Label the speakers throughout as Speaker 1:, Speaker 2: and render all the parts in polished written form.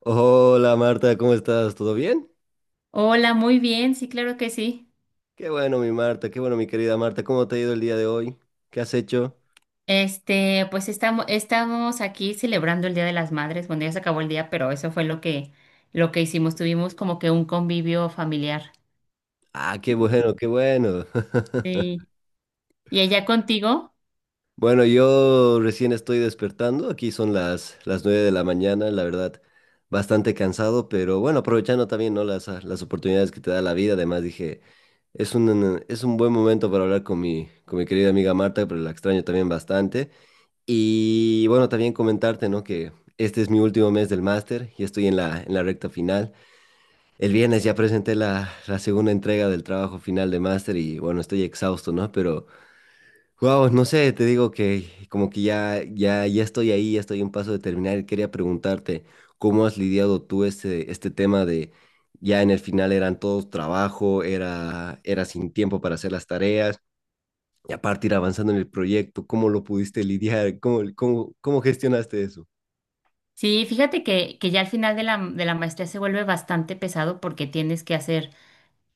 Speaker 1: Hola Marta, ¿cómo estás? ¿Todo bien?
Speaker 2: Hola, muy bien, sí, claro que sí.
Speaker 1: Qué bueno mi Marta, qué bueno mi querida Marta, ¿cómo te ha ido el día de hoy? ¿Qué has hecho?
Speaker 2: Pues estamos aquí celebrando el Día de las Madres. Bueno, ya se acabó el día, pero eso fue lo que hicimos. Tuvimos como que un convivio familiar.
Speaker 1: Ah, qué bueno, qué bueno.
Speaker 2: Sí. ¿Y ella contigo?
Speaker 1: Bueno, yo recién estoy despertando, aquí son las 9 de la mañana, la verdad, bastante cansado, pero bueno, aprovechando también, ¿no? Las, las oportunidades que te da la vida, además dije, es es un buen momento para hablar con con mi querida amiga Marta, pero la extraño también bastante. Y bueno, también comentarte, ¿no? Que este es mi último mes del máster y estoy en en la recta final. El viernes ya presenté la segunda entrega del trabajo final de máster y bueno, estoy exhausto, ¿no? Pero, wow, no sé, te digo que como que ya estoy ahí, ya estoy a un paso de terminar y quería preguntarte cómo has lidiado tú este tema de ya en el final eran todos trabajo, era sin tiempo para hacer las tareas y aparte ir avanzando en el proyecto, ¿cómo lo pudiste lidiar? ¿Cómo gestionaste eso?
Speaker 2: Sí, fíjate que ya al final de de la maestría se vuelve bastante pesado porque tienes que hacer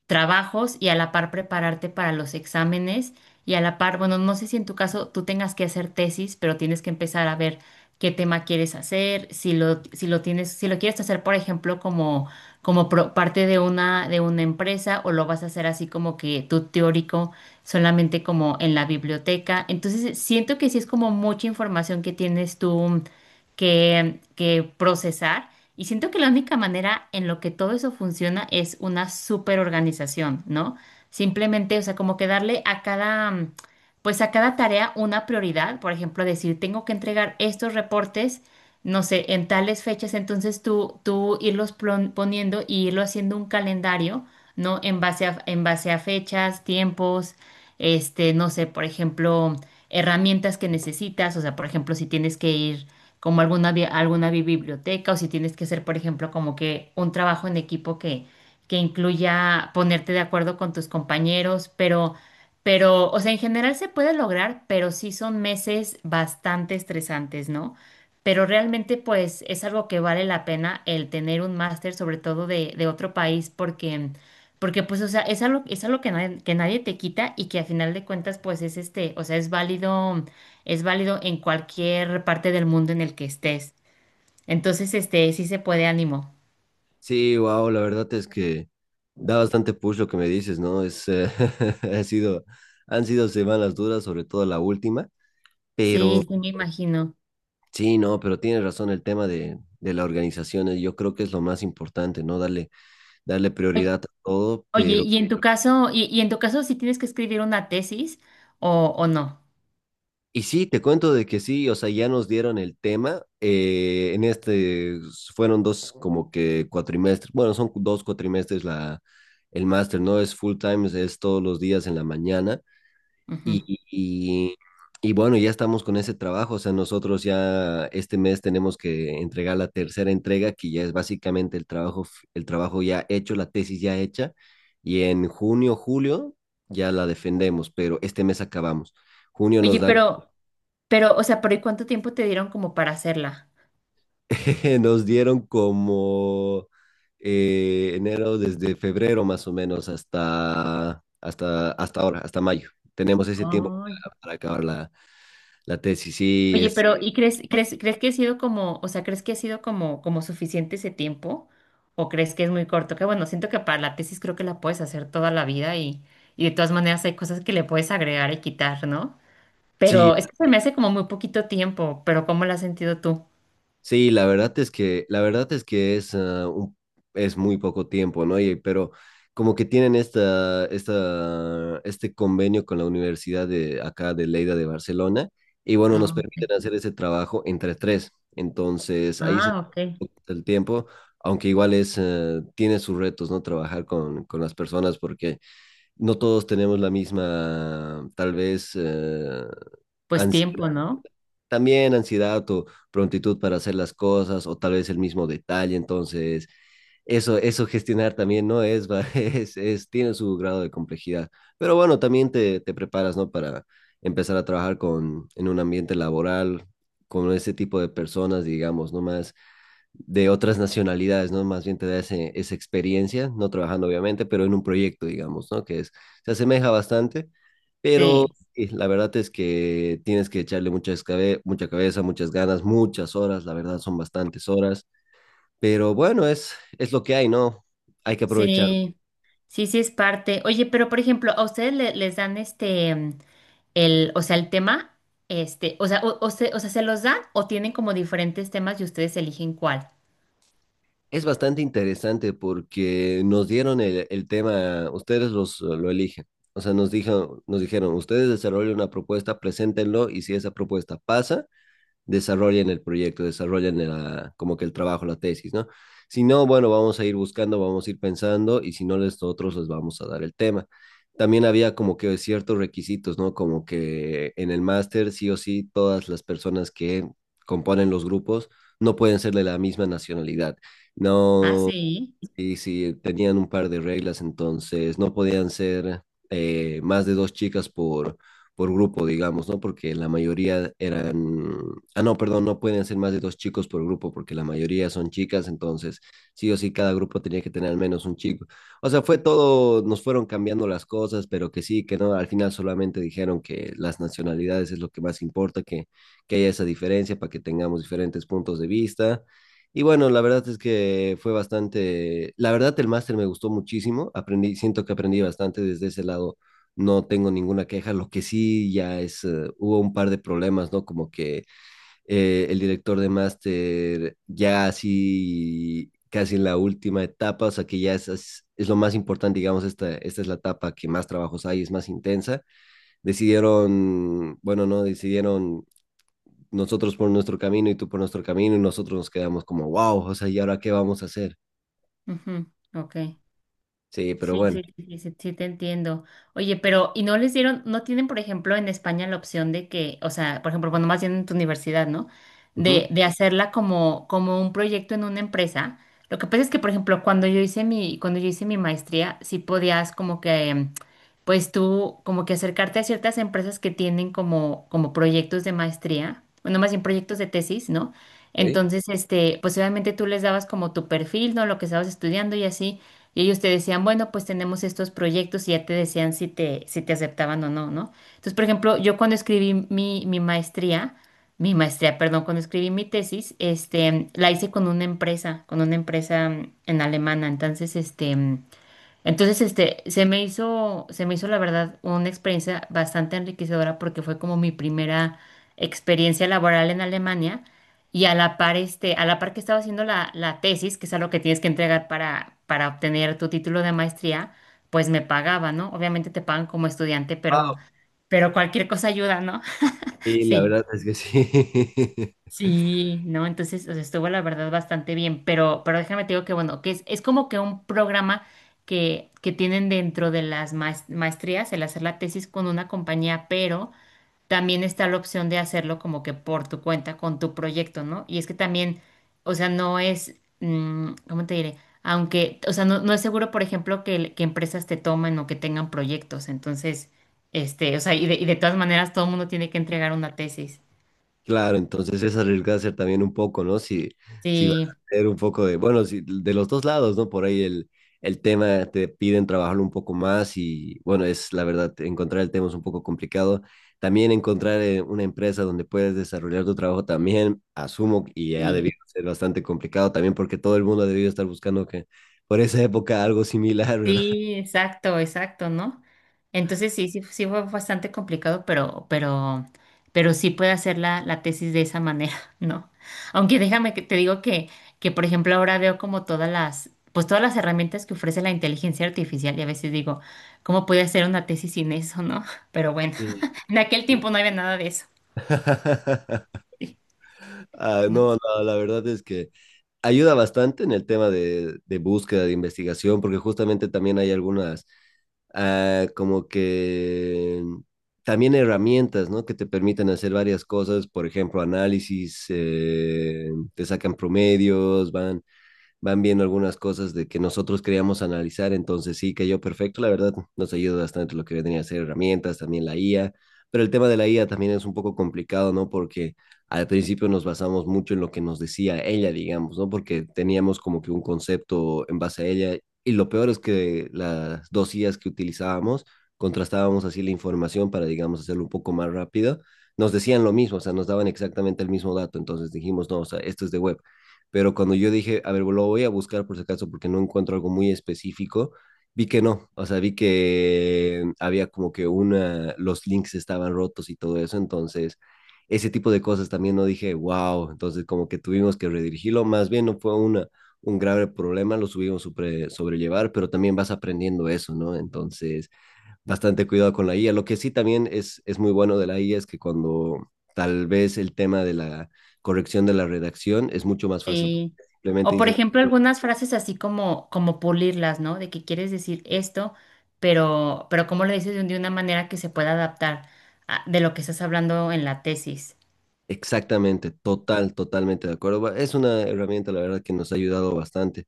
Speaker 2: trabajos y a la par prepararte para los exámenes y a la par, bueno, no sé si en tu caso tú tengas que hacer tesis, pero tienes que empezar a ver qué tema quieres hacer, si lo tienes, si lo quieres hacer, por ejemplo, como parte de de una empresa, o lo vas a hacer así como que tú teórico, solamente como en la biblioteca. Entonces, siento que sí es como mucha información que tienes tú que procesar. Y siento que la única manera en lo que todo eso funciona es una super organización, ¿no? Simplemente, o sea, como que darle a cada, pues a cada tarea una prioridad. Por ejemplo, decir, tengo que entregar estos reportes, no sé, en tales fechas. Entonces tú irlos poniendo y irlo haciendo un calendario, ¿no? En base a fechas, tiempos, este, no sé, por ejemplo, herramientas que necesitas. O sea, por ejemplo, si tienes que ir como alguna biblioteca o si tienes que hacer, por ejemplo, como que un trabajo en equipo que incluya ponerte de acuerdo con tus compañeros, pero, o sea, en general se puede lograr, pero sí son meses bastante estresantes, ¿no? Pero realmente, pues, es algo que vale la pena el tener un máster, sobre todo de otro país, porque... Porque pues, o sea, es algo que nadie te quita y que a final de cuentas, pues es este, o sea, es válido en cualquier parte del mundo en el que estés. Entonces, este, sí se puede, ánimo.
Speaker 1: Sí, wow, la verdad es que da bastante push lo que me dices, ¿no? Es, ha sido, han sido semanas duras, sobre todo la última, pero
Speaker 2: Sí, sí me imagino.
Speaker 1: sí, no, pero tienes razón el tema de la organización, yo creo que es lo más importante, ¿no? Darle, darle
Speaker 2: Oye,
Speaker 1: prioridad a todo,
Speaker 2: oye,
Speaker 1: pero
Speaker 2: y en tu caso, y en tu caso, si tienes que escribir una tesis o no.
Speaker 1: y sí, te cuento de que sí, o sea, ya nos dieron el tema. En este fueron dos como que cuatrimestres, bueno, son dos cuatrimestres la, el máster, ¿no? Es full time, es todos los días en la mañana. Y,
Speaker 2: Ujú.
Speaker 1: y, y bueno, ya estamos con ese trabajo, o sea, nosotros ya este mes tenemos que entregar la tercera entrega, que ya es básicamente el trabajo, f- el trabajo ya hecho, la tesis ya hecha. Y en junio, julio ya la defendemos, pero este mes acabamos. Junio nos
Speaker 2: Oye,
Speaker 1: dan
Speaker 2: pero, o sea, pero ¿y cuánto tiempo te dieron como para hacerla?
Speaker 1: nos dieron como enero, desde febrero más o menos hasta, hasta, hasta ahora, hasta mayo. Tenemos ese tiempo
Speaker 2: Oh.
Speaker 1: para acabar la, la tesis. Sí,
Speaker 2: Oye,
Speaker 1: es,
Speaker 2: pero ¿y crees que ha sido como, o sea, crees que ha sido como, como suficiente ese tiempo? ¿O crees que es muy corto? Que bueno, siento que para la tesis creo que la puedes hacer toda la vida y de todas maneras hay cosas que le puedes agregar y quitar, ¿no?
Speaker 1: sí,
Speaker 2: Pero es que se me hace como muy poquito tiempo, pero ¿cómo lo has sentido tú?
Speaker 1: sí, la verdad es que, la verdad es que es, un- es muy poco tiempo, ¿no? Y, pero como que tienen este convenio con la Universidad de acá de Lleida de Barcelona, y bueno, nos
Speaker 2: Ah, ok.
Speaker 1: permiten hacer ese trabajo entre tres. Entonces, ahí se
Speaker 2: Ah, ok.
Speaker 1: el tiempo, aunque igual es, tiene sus retos, ¿no? Trabajar con las personas porque no todos tenemos la misma, tal vez,
Speaker 2: Pues
Speaker 1: ansiedad
Speaker 2: tiempo, ¿no?
Speaker 1: también ansiedad o prontitud para hacer las cosas o tal vez el mismo detalle. Entonces, eso gestionar también no es, va, es- tiene su grado de complejidad. Pero bueno, también te preparas, ¿no? Para empezar a trabajar con, en un ambiente laboral, con ese tipo de personas, digamos, no más de otras nacionalidades, ¿no? Más bien te da ese- esa experiencia, no trabajando obviamente, pero en un proyecto, digamos, ¿no? Que es, se asemeja bastante, pero
Speaker 2: Sí,
Speaker 1: sí, la verdad es que tienes que echarle mucha, escabe- mucha cabeza, muchas ganas, muchas horas, la verdad son bastantes horas, pero bueno, es lo que hay, ¿no? Hay que aprovechar.
Speaker 2: sí. Sí, sí es parte. Oye, pero por ejemplo, a ustedes les dan este, mm, o sea, el tema, este, o se, o sea, ¿se los dan o tienen como diferentes temas y ustedes eligen cuál?
Speaker 1: Es bastante interesante porque nos dieron el tema, ustedes los, lo eligen. O sea, nos dijo, nos dijeron, ustedes desarrollen una propuesta, preséntenlo y si esa propuesta pasa, desarrollen el proyecto, desarrollen la, como que el trabajo, la tesis, ¿no? Si no, bueno, vamos a ir buscando, vamos a ir pensando y si no, nosotros les vamos a dar el tema. También había como que ciertos requisitos, ¿no? Como que en el máster, sí o sí, todas las personas que componen los grupos no pueden ser de la misma nacionalidad.
Speaker 2: Ah,
Speaker 1: No,
Speaker 2: sí.
Speaker 1: sí, sí, tenían un par de reglas, entonces no podían ser más de dos chicas por grupo, digamos, ¿no? Porque la mayoría eran... Ah, no, perdón, no pueden ser más de dos chicos por grupo, porque la mayoría son chicas, entonces sí o sí cada grupo tenía que tener al menos un chico. O sea, fue todo, nos fueron cambiando las cosas, pero que sí, que no, al final solamente dijeron que las nacionalidades es lo que más importa, que haya esa diferencia para que tengamos diferentes puntos de vista y bueno, la verdad es que fue bastante, la verdad el máster me gustó muchísimo, aprendí, siento que aprendí bastante desde ese lado, no tengo ninguna queja, lo que sí ya es, hubo un par de problemas, ¿no? Como que el director de máster ya así, casi en la última etapa, o sea que ya es, es lo más importante, digamos, esta es la etapa que más trabajos hay, es más intensa, decidieron, bueno, no, decidieron nosotros por nuestro camino y tú por nuestro camino y nosotros nos quedamos como, wow, o sea, ¿y ahora qué vamos a hacer?
Speaker 2: Ujú. Ok.
Speaker 1: Sí, pero
Speaker 2: Sí,
Speaker 1: bueno.
Speaker 2: sí, sí, sí, sí, sí te entiendo. Oye, pero, ¿y no les dieron, no tienen, por ejemplo, en España la opción de que, o sea, por ejemplo, cuando más bien en tu universidad, ¿no?
Speaker 1: Ujú,
Speaker 2: De hacerla como un proyecto en una empresa. Lo que pasa es que, por ejemplo, cuando yo hice mi maestría, sí podías como que, mm, pues tú, como que acercarte a ciertas empresas que tienen como proyectos de maestría, bueno, más bien proyectos de tesis, ¿no?
Speaker 1: ok.
Speaker 2: Entonces, este, pues obviamente tú les dabas como tu perfil, ¿no? Lo que estabas estudiando y así. Y ellos te decían, bueno, pues tenemos estos proyectos y ya te decían si te aceptaban o no, ¿no? Entonces, por ejemplo, yo cuando escribí mi, mi maestría, perdón, cuando escribí mi tesis, este, la hice con una con una empresa en alemana. Entonces, este, se me hizo la verdad una experiencia bastante enriquecedora porque fue como mi primera experiencia laboral en Alemania y a la par que estaba haciendo la tesis, que es algo que tienes que entregar para obtener tu título de maestría, pues me pagaba, ¿no? Obviamente te pagan como estudiante,
Speaker 1: Wao.
Speaker 2: pero cualquier cosa ayuda, ¿no?
Speaker 1: Y la
Speaker 2: Sí.
Speaker 1: verdad es que sí.
Speaker 2: Sí, no, entonces, o sea, estuvo la verdad bastante bien, pero déjame te digo que bueno, que es como que un programa que tienen dentro de las maestrías, el hacer la tesis con una compañía, pero también está la opción de hacerlo como que por tu cuenta, con tu proyecto, ¿no? Y es que también, o sea, no es, mm, ¿cómo te diré? Aunque, o sea, no, no es seguro, por ejemplo, que empresas te tomen o que tengan proyectos, entonces, este, o sea, y de todas maneras todo el mundo tiene que entregar una tesis.
Speaker 1: Claro, entonces es arriesgarse también un poco, ¿no? Si, si vas
Speaker 2: Sí,
Speaker 1: a hacer un poco de, bueno, si, de los dos lados, ¿no? Por ahí el tema te piden trabajarlo un poco más y, bueno, es la verdad, encontrar el tema es un poco complicado. También encontrar una empresa donde puedes desarrollar tu trabajo también, asumo, y ha
Speaker 2: sí.
Speaker 1: debido ser bastante complicado también porque todo el mundo ha debido estar buscando que por esa época algo similar, ¿verdad?
Speaker 2: Sí, exacto, exacto, ¿no? Entonces sí fue bastante complicado, pero sí puede hacer la tesis de esa manera, ¿no? Aunque déjame que te digo que, por ejemplo, ahora veo como todas las, pues todas las herramientas que ofrece la inteligencia artificial y a veces digo, ¿cómo puede hacer una tesis sin eso, no? Pero bueno,
Speaker 1: Y-
Speaker 2: en aquel tiempo no había nada de eso,
Speaker 1: ah,
Speaker 2: ¿no?
Speaker 1: no, no, la verdad es que... ayuda bastante en el tema de búsqueda, de investigación, porque justamente también hay algunas, como que también herramientas, ¿no? Que te permiten hacer varias cosas, por ejemplo, análisis, te sacan promedios, van van viendo algunas cosas de que nosotros queríamos analizar, entonces sí cayó perfecto, la verdad nos ayuda bastante lo que venía a ser herramientas, también la IA, pero el tema de la IA también es un poco complicado, ¿no? Porque al principio nos basamos mucho en lo que nos decía ella, digamos, ¿no? Porque teníamos como que un concepto en base a ella y lo peor es que las dos IAs que utilizábamos, contrastábamos así la información para, digamos, hacerlo un poco más rápido, nos decían lo mismo, o sea, nos daban exactamente el mismo dato, entonces dijimos, no, o sea, esto es de web, pero cuando yo dije, a ver, lo voy a buscar por si acaso porque no encuentro algo muy específico, vi que no, o sea, vi que había como que una, los links estaban rotos y todo eso, entonces ese tipo de cosas también no dije, wow, entonces como que tuvimos que redirigirlo, más bien no fue una, un grave problema, lo subimos sobre, sobrellevar, pero también vas aprendiendo eso, ¿no? Entonces bastante cuidado con la IA. Lo que sí también es muy bueno de la IA es que cuando tal vez el tema de la corrección de la redacción es mucho más fácil.
Speaker 2: Sí.
Speaker 1: Simplemente
Speaker 2: O por
Speaker 1: dices
Speaker 2: ejemplo, algunas frases así como, como pulirlas, ¿no? De que quieres decir esto, pero cómo lo dices de una manera que se pueda adaptar de lo que estás hablando en la tesis.
Speaker 1: exactamente, total, totalmente de acuerdo. Bueno, es una herramienta, la verdad, que nos ha ayudado bastante.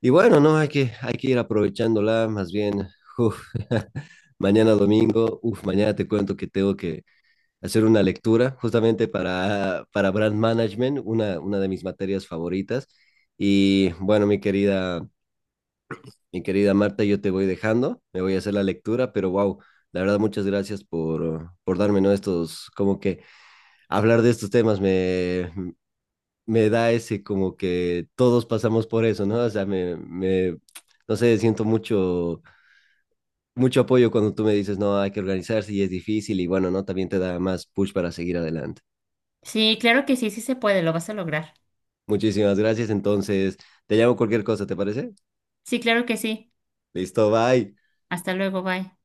Speaker 1: Y bueno, no, hay que ir aprovechándola, más bien. Uf, mañana domingo, uf, mañana te cuento que tengo que hacer una lectura justamente para Brand Management, una de mis materias favoritas. Y bueno, mi querida mi querida Marta, yo te voy dejando, me voy a hacer la lectura, pero wow, la verdad muchas gracias por darme, ¿no? Estos, como que hablar de estos temas me, me da ese como que todos pasamos por eso, ¿no? O sea, me, no sé, siento mucho, mucho apoyo cuando tú me dices, no, hay que organizarse y es difícil y bueno, ¿no? También te da más push para seguir adelante.
Speaker 2: Sí, claro que sí, sí se puede, lo vas a lograr.
Speaker 1: Muchísimas gracias, entonces te llamo cualquier cosa, ¿te parece?
Speaker 2: Sí, claro que sí.
Speaker 1: Listo, bye.
Speaker 2: Hasta luego, bye.